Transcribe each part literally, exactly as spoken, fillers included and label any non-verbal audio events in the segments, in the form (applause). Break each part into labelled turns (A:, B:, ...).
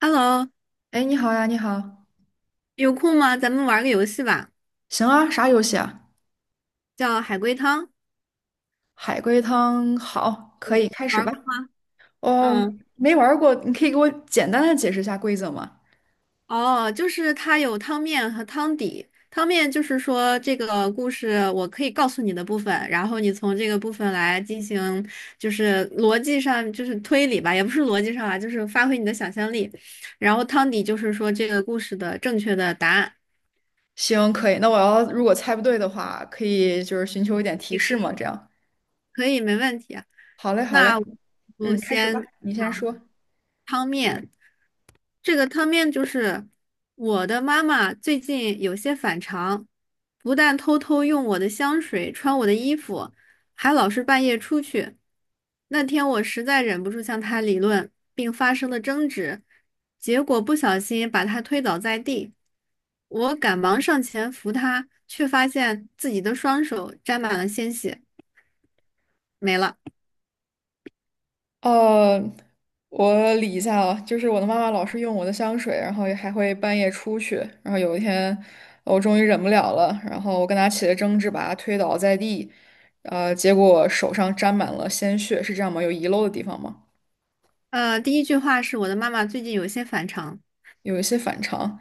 A: Hello，
B: 哎，你好呀，你好，
A: 有空吗？咱们玩个游戏吧，
B: 行啊，啥游戏啊？
A: 叫海龟汤，
B: 海龟汤，好，可以开始
A: 玩
B: 吧。
A: 过吗？
B: 哦，
A: 嗯，
B: 没玩儿过，你可以给我简单的解释一下规则吗？
A: 哦，就是它有汤面和汤底。汤面就是说这个故事我可以告诉你的部分，然后你从这个部分来进行，就是逻辑上就是推理吧，也不是逻辑上啊，就是发挥你的想象力。然后汤底就是说这个故事的正确的答案，
B: 行，可以。那我要如果猜不对的话，可以就是寻求一点提示嘛，这样。
A: 可以，没问题啊。
B: 好嘞，好
A: 那
B: 嘞，
A: 我就
B: 嗯，开始吧，
A: 先
B: 你先
A: 讲
B: 说。
A: 汤面。这个汤面就是我的妈妈最近有些反常，不但偷偷用我的香水、穿我的衣服，还老是半夜出去。那天我实在忍不住向她理论，并发生了争执，结果不小心把她推倒在地。我赶忙上前扶她，却发现自己的双手沾满了鲜血，没了。
B: 呃，我理一下啊，就是我的妈妈老是用我的香水，然后也还会半夜出去，然后有一天我终于忍不了了，然后我跟她起了争执，把她推倒在地，呃，结果手上沾满了鲜血，是这样吗？有遗漏的地方吗？
A: 呃，第一句话是我的妈妈最近有些反常，
B: 有一些反常。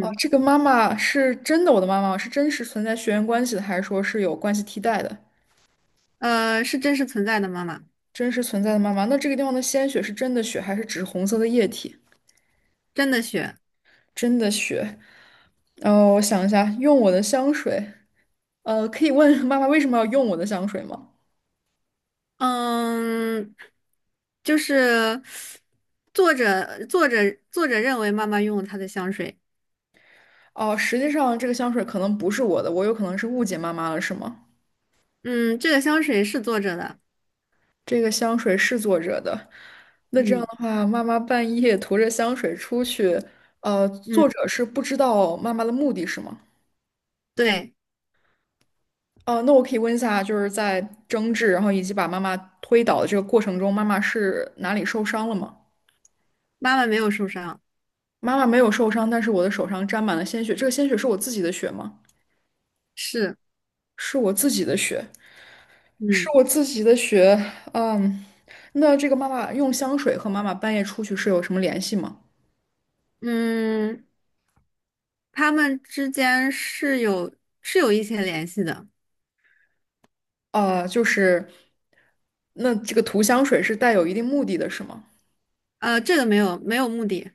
B: 哦，这个妈妈是真的，我的妈妈是真实存在血缘关系的，还是说是有关系替代的？
A: 呃，是真实存在的妈妈，
B: 真实存在的妈妈，那这个地方的鲜血是真的血，还是只是红色的液体？
A: 真的血。
B: 真的血。然后我想一下，用我的香水。呃，可以问妈妈为什么要用我的香水吗？
A: 嗯，就是作者作者作者认为妈妈用了他的香水，
B: 哦，实际上这个香水可能不是我的，我有可能是误解妈妈了，是吗？
A: 嗯，这个香水是作者的，
B: 这个香水是作者的。那这样
A: 嗯
B: 的话，妈妈半夜涂着香水出去，呃，
A: 嗯，
B: 作者是不知道妈妈的目的是吗？
A: 对，
B: 哦，那我可以问一下，就是在争执，然后以及把妈妈推倒的这个过程中，妈妈是哪里受伤了吗？
A: 妈妈没有受伤，
B: 妈妈没有受伤，但是我的手上沾满了鲜血，这个鲜血是我自己的血吗？
A: 是，
B: 是我自己的血。是
A: 嗯
B: 我自己的血，嗯，那这个妈妈用香水和妈妈半夜出去是有什么联系吗？
A: 嗯，他们之间是有是有一些联系的，
B: 啊、就是，那这个涂香水是带有一定目的的，是吗？
A: 呃，这个没有没有目的，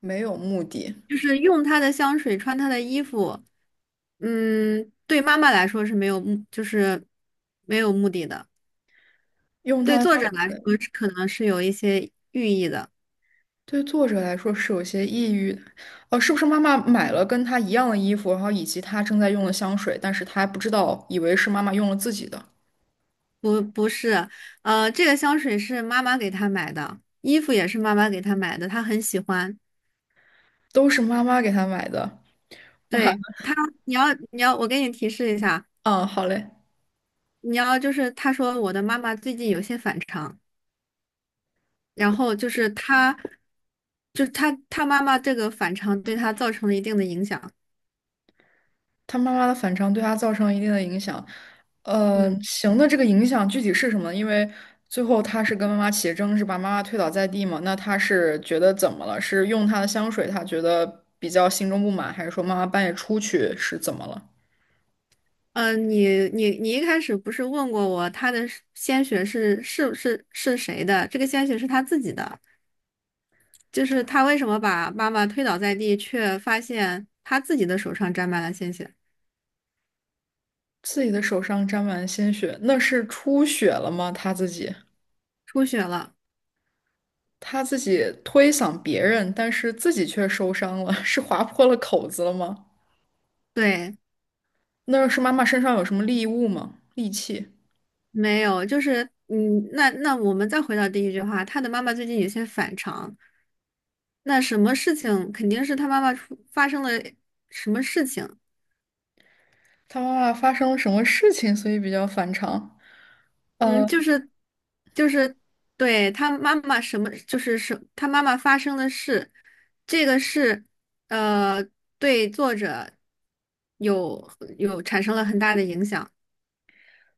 B: 没有目的，
A: 就是用他的香水，穿他的衣服，嗯，对妈妈来说是没有目，就是没有目的的。
B: 用它
A: 对
B: 的
A: 作
B: 香
A: 者来
B: 水
A: 说是可能是有一些寓意的，
B: 对作者来说是有些抑郁的哦、是不是妈妈买了跟她一样的衣服，然后以及她正在用的香水，但是她还不知道，以为是妈妈用了自己的，
A: 不不是，呃，这个香水是妈妈给他买的，衣服也是妈妈给他买的，他很喜欢。
B: 都是妈妈给她买的。哇，
A: 对他，你要你要，我给你提示一下，
B: 嗯，好嘞。
A: 你要就是他说我的妈妈最近有些反常，然后就是他，就是他他妈妈这个反常对他造成了一定的影响。
B: 他妈妈的反常对他造成了一定的影响。呃，
A: 嗯，
B: 行的，这个影响具体是什么呢？因为最后他是跟妈妈起争执，把妈妈推倒在地嘛。那他是觉得怎么了？是用她的香水，他觉得比较心中不满，还是说妈妈半夜出去是怎么了？
A: 呃，你你你一开始不是问过我他的鲜血是是是是谁的？这个鲜血是他自己的。就是他为什么把妈妈推倒在地，却发现他自己的手上沾满了鲜血，
B: 自己的手上沾满鲜血，那是出血了吗？他自己，
A: 出血了。
B: 他自己推搡别人，但是自己却受伤了，(laughs) 是划破了口子了吗？
A: 对，
B: 那是妈妈身上有什么利物吗？利器？
A: 没有，就是嗯，那那我们再回到第一句话，他的妈妈最近有些反常。那什么事情肯定是他妈妈出发生了什么事情？
B: 他妈妈发生了什么事情，所以比较反常。
A: 嗯，
B: 呃，
A: 就是就是对他妈妈什么，就是什他妈妈发生的事，这个是呃对作者有有产生了很大的影响。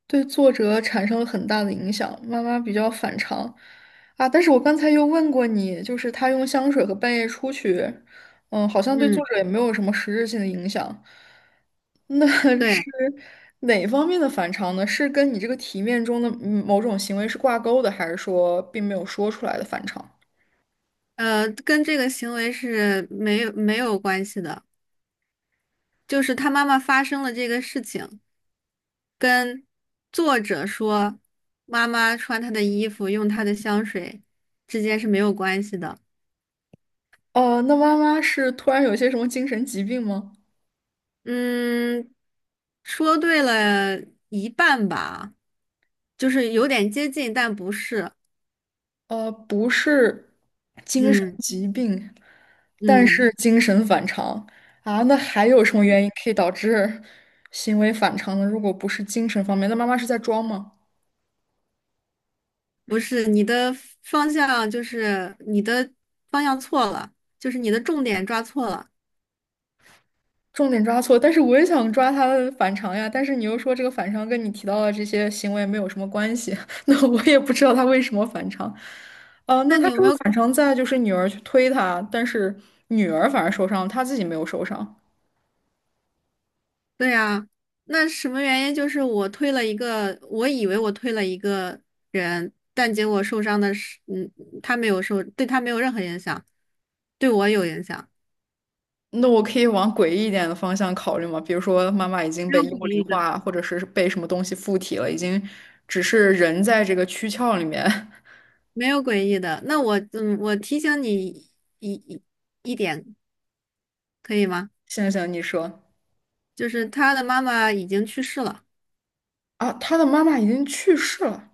B: 对作者产生了很大的影响。妈妈比较反常啊，但是我刚才又问过你，就是他用香水和半夜出去，嗯，好像对作
A: 嗯。
B: 者也没有什么实质性的影响。那 (laughs) 是
A: 对，
B: 哪方面的反常呢？是跟你这个题面中的嗯某种行为是挂钩的，还是说并没有说出来的反常？
A: 呃，跟这个行为是没有没有关系的，就是他妈妈发生了这个事情，跟作者说妈妈穿他的衣服，用他的香水之间是没有关系的。
B: 哦，那妈妈是突然有些什么精神疾病吗？
A: 嗯，说对了一半吧，就是有点接近，但不是。
B: 呃，不是精神
A: 嗯
B: 疾病，但
A: 嗯，
B: 是精神反常啊，那还有什么原因可以导致行为反常呢？如果不是精神方面，那妈妈是在装吗？
A: 不是，你的方向就是你的方向错了，就是你的重点抓错了。
B: 重点抓错，但是我也想抓她的反常呀，但是你又说这个反常跟你提到的这些行为没有什么关系，(laughs) 那我也不知道他为什么反常。啊，
A: 那
B: 那他
A: 你有
B: 这
A: 没
B: 个
A: 有？
B: 反常在就是女儿去推他，但是女儿反而受伤，他自己没有受伤。
A: 对啊，那什么原因？就是我推了一个，我以为我推了一个人，但结果受伤的是，嗯，他没有受，对他没有任何影响，对我有影响，
B: 那我可以往诡异一点的方向考虑吗？比如说，妈妈已经
A: 没有
B: 被幽
A: 诡
B: 灵
A: 异的，
B: 化，或者是被什么东西附体了，已经只是人在这个躯壳里面。
A: 没有诡异的。那我，嗯，我提醒你一一一点，可以吗？
B: (laughs) 行行，你说
A: 就是他的妈妈已经去世了，
B: 啊，他的妈妈已经去世了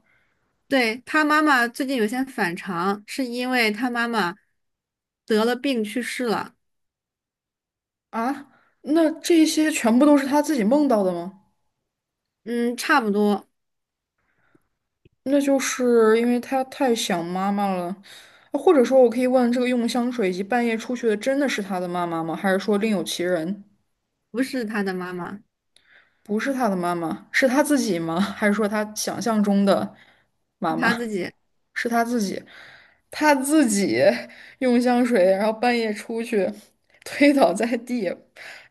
A: 对，他妈妈最近有些反常，是因为他妈妈得了病去世了。
B: 啊？那这些全部都是他自己梦到的吗？
A: 嗯，差不多，
B: 那就是因为他太想妈妈了，或者说，我可以问这个用香水以及半夜出去的真的是他的妈妈吗？还是说另有其人？
A: 不是他的妈妈，
B: 不是他的妈妈，是他自己吗？还是说他想象中的
A: 是
B: 妈妈？
A: 他自己。
B: 是他自己，他自己 (laughs) 用香水，然后半夜出去推倒在地，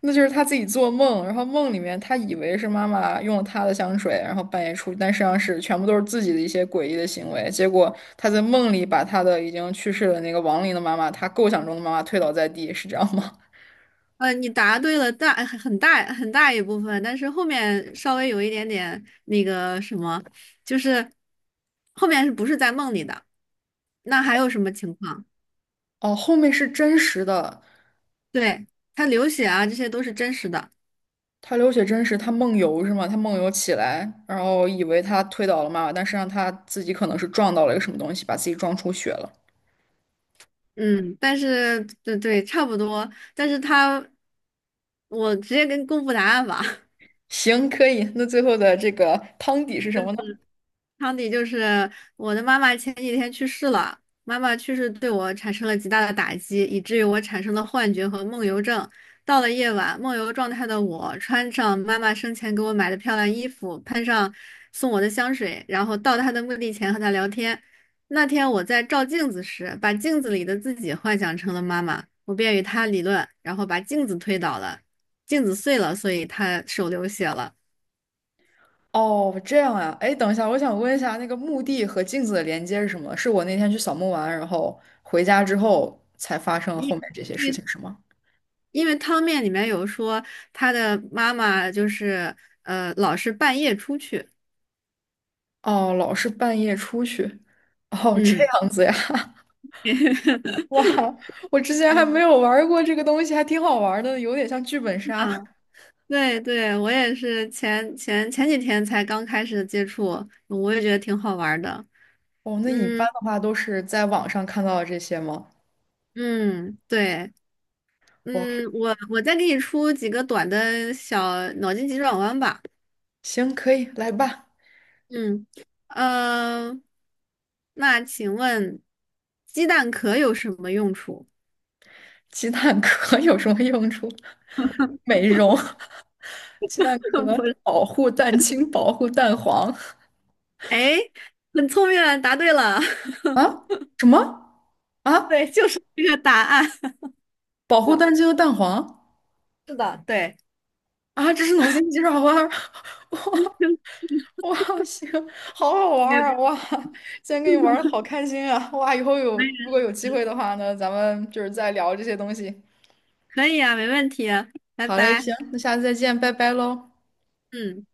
B: 那就是他自己做梦，然后梦里面他以为是妈妈用了他的香水，然后半夜出去，但实际上是全部都是自己的一些诡异的行为。结果他在梦里把他的已经去世的那个亡灵的妈妈，他构想中的妈妈推倒在地，是这样吗？
A: 呃，你答对了大很大很大一部分，但是后面稍微有一点点那个什么，就是后面是不是在梦里的？那还有什么情况？
B: 哦，后面是真实的，
A: 对，他流血啊，这些都是真实的。
B: 他流血真实，他梦游是吗？他梦游起来，然后以为他推倒了妈妈，但实际上他自己可能是撞到了一个什么东西，把自己撞出血了。
A: 嗯，但是对对，差不多。但是他，我直接跟公布答案吧。(laughs)
B: 行，可以。那最后的这个汤底是什么呢？
A: 汤底就是我的妈妈前几天去世了，妈妈去世对我产生了极大的打击，以至于我产生了幻觉和梦游症。到了夜晚，梦游状态的我穿上妈妈生前给我买的漂亮衣服，喷上送我的香水，然后到她的墓地前和她聊天。那天我在照镜子时，把镜子里的自己幻想成了妈妈，我便与她理论，然后把镜子推倒了，镜子碎了，所以她手流血了。
B: 哦，这样啊。哎，等一下，我想问一下，那个墓地和镜子的连接是什么？是我那天去扫墓完，然后回家之后才发生了后面这些事情，是吗？
A: 因为汤面里面有说他的妈妈就是呃老是半夜出去，
B: 哦，老是半夜出去。哦，这
A: 嗯。
B: 样子呀。(laughs)
A: (laughs)
B: 哇，我之前还
A: 嗯，
B: 没有玩儿过这个东西，还挺好玩儿的，有点像剧本杀。
A: 啊，对对，我也是前前前几天才刚开始接触，我也觉得挺好玩儿的。
B: 哦，那你一般
A: 嗯
B: 的话都是在网上看到的这些吗？
A: 嗯，对，
B: 哇，
A: 嗯，我我再给你出几个短的小脑筋急转弯吧。
B: 行，可以，来吧。
A: 嗯，呃，那请问鸡蛋壳有什么用处？
B: 鸡蛋壳 (laughs) 有什么用处？(laughs) 美容，(laughs) 鸡蛋
A: (laughs)
B: 壳
A: 不是，
B: 保护蛋清，保护蛋黄。
A: 哎，很聪明啊，答对了。(laughs)
B: 啊？什么啊？
A: 对，就是这个答案。(laughs)
B: 保护蛋清和蛋黄。
A: 是的，对，
B: 啊？这是脑筋急转弯儿？ (laughs) 哇哇，行，好好玩
A: 没有
B: 儿啊！哇，今天跟你玩儿好开心啊！哇，以后有
A: 没
B: 如果有机会的话呢，咱们就是再聊这些东西。
A: 可以啊，没问题啊拜
B: 好嘞，
A: 拜。
B: 行，那下次再见，拜拜喽。
A: 嗯。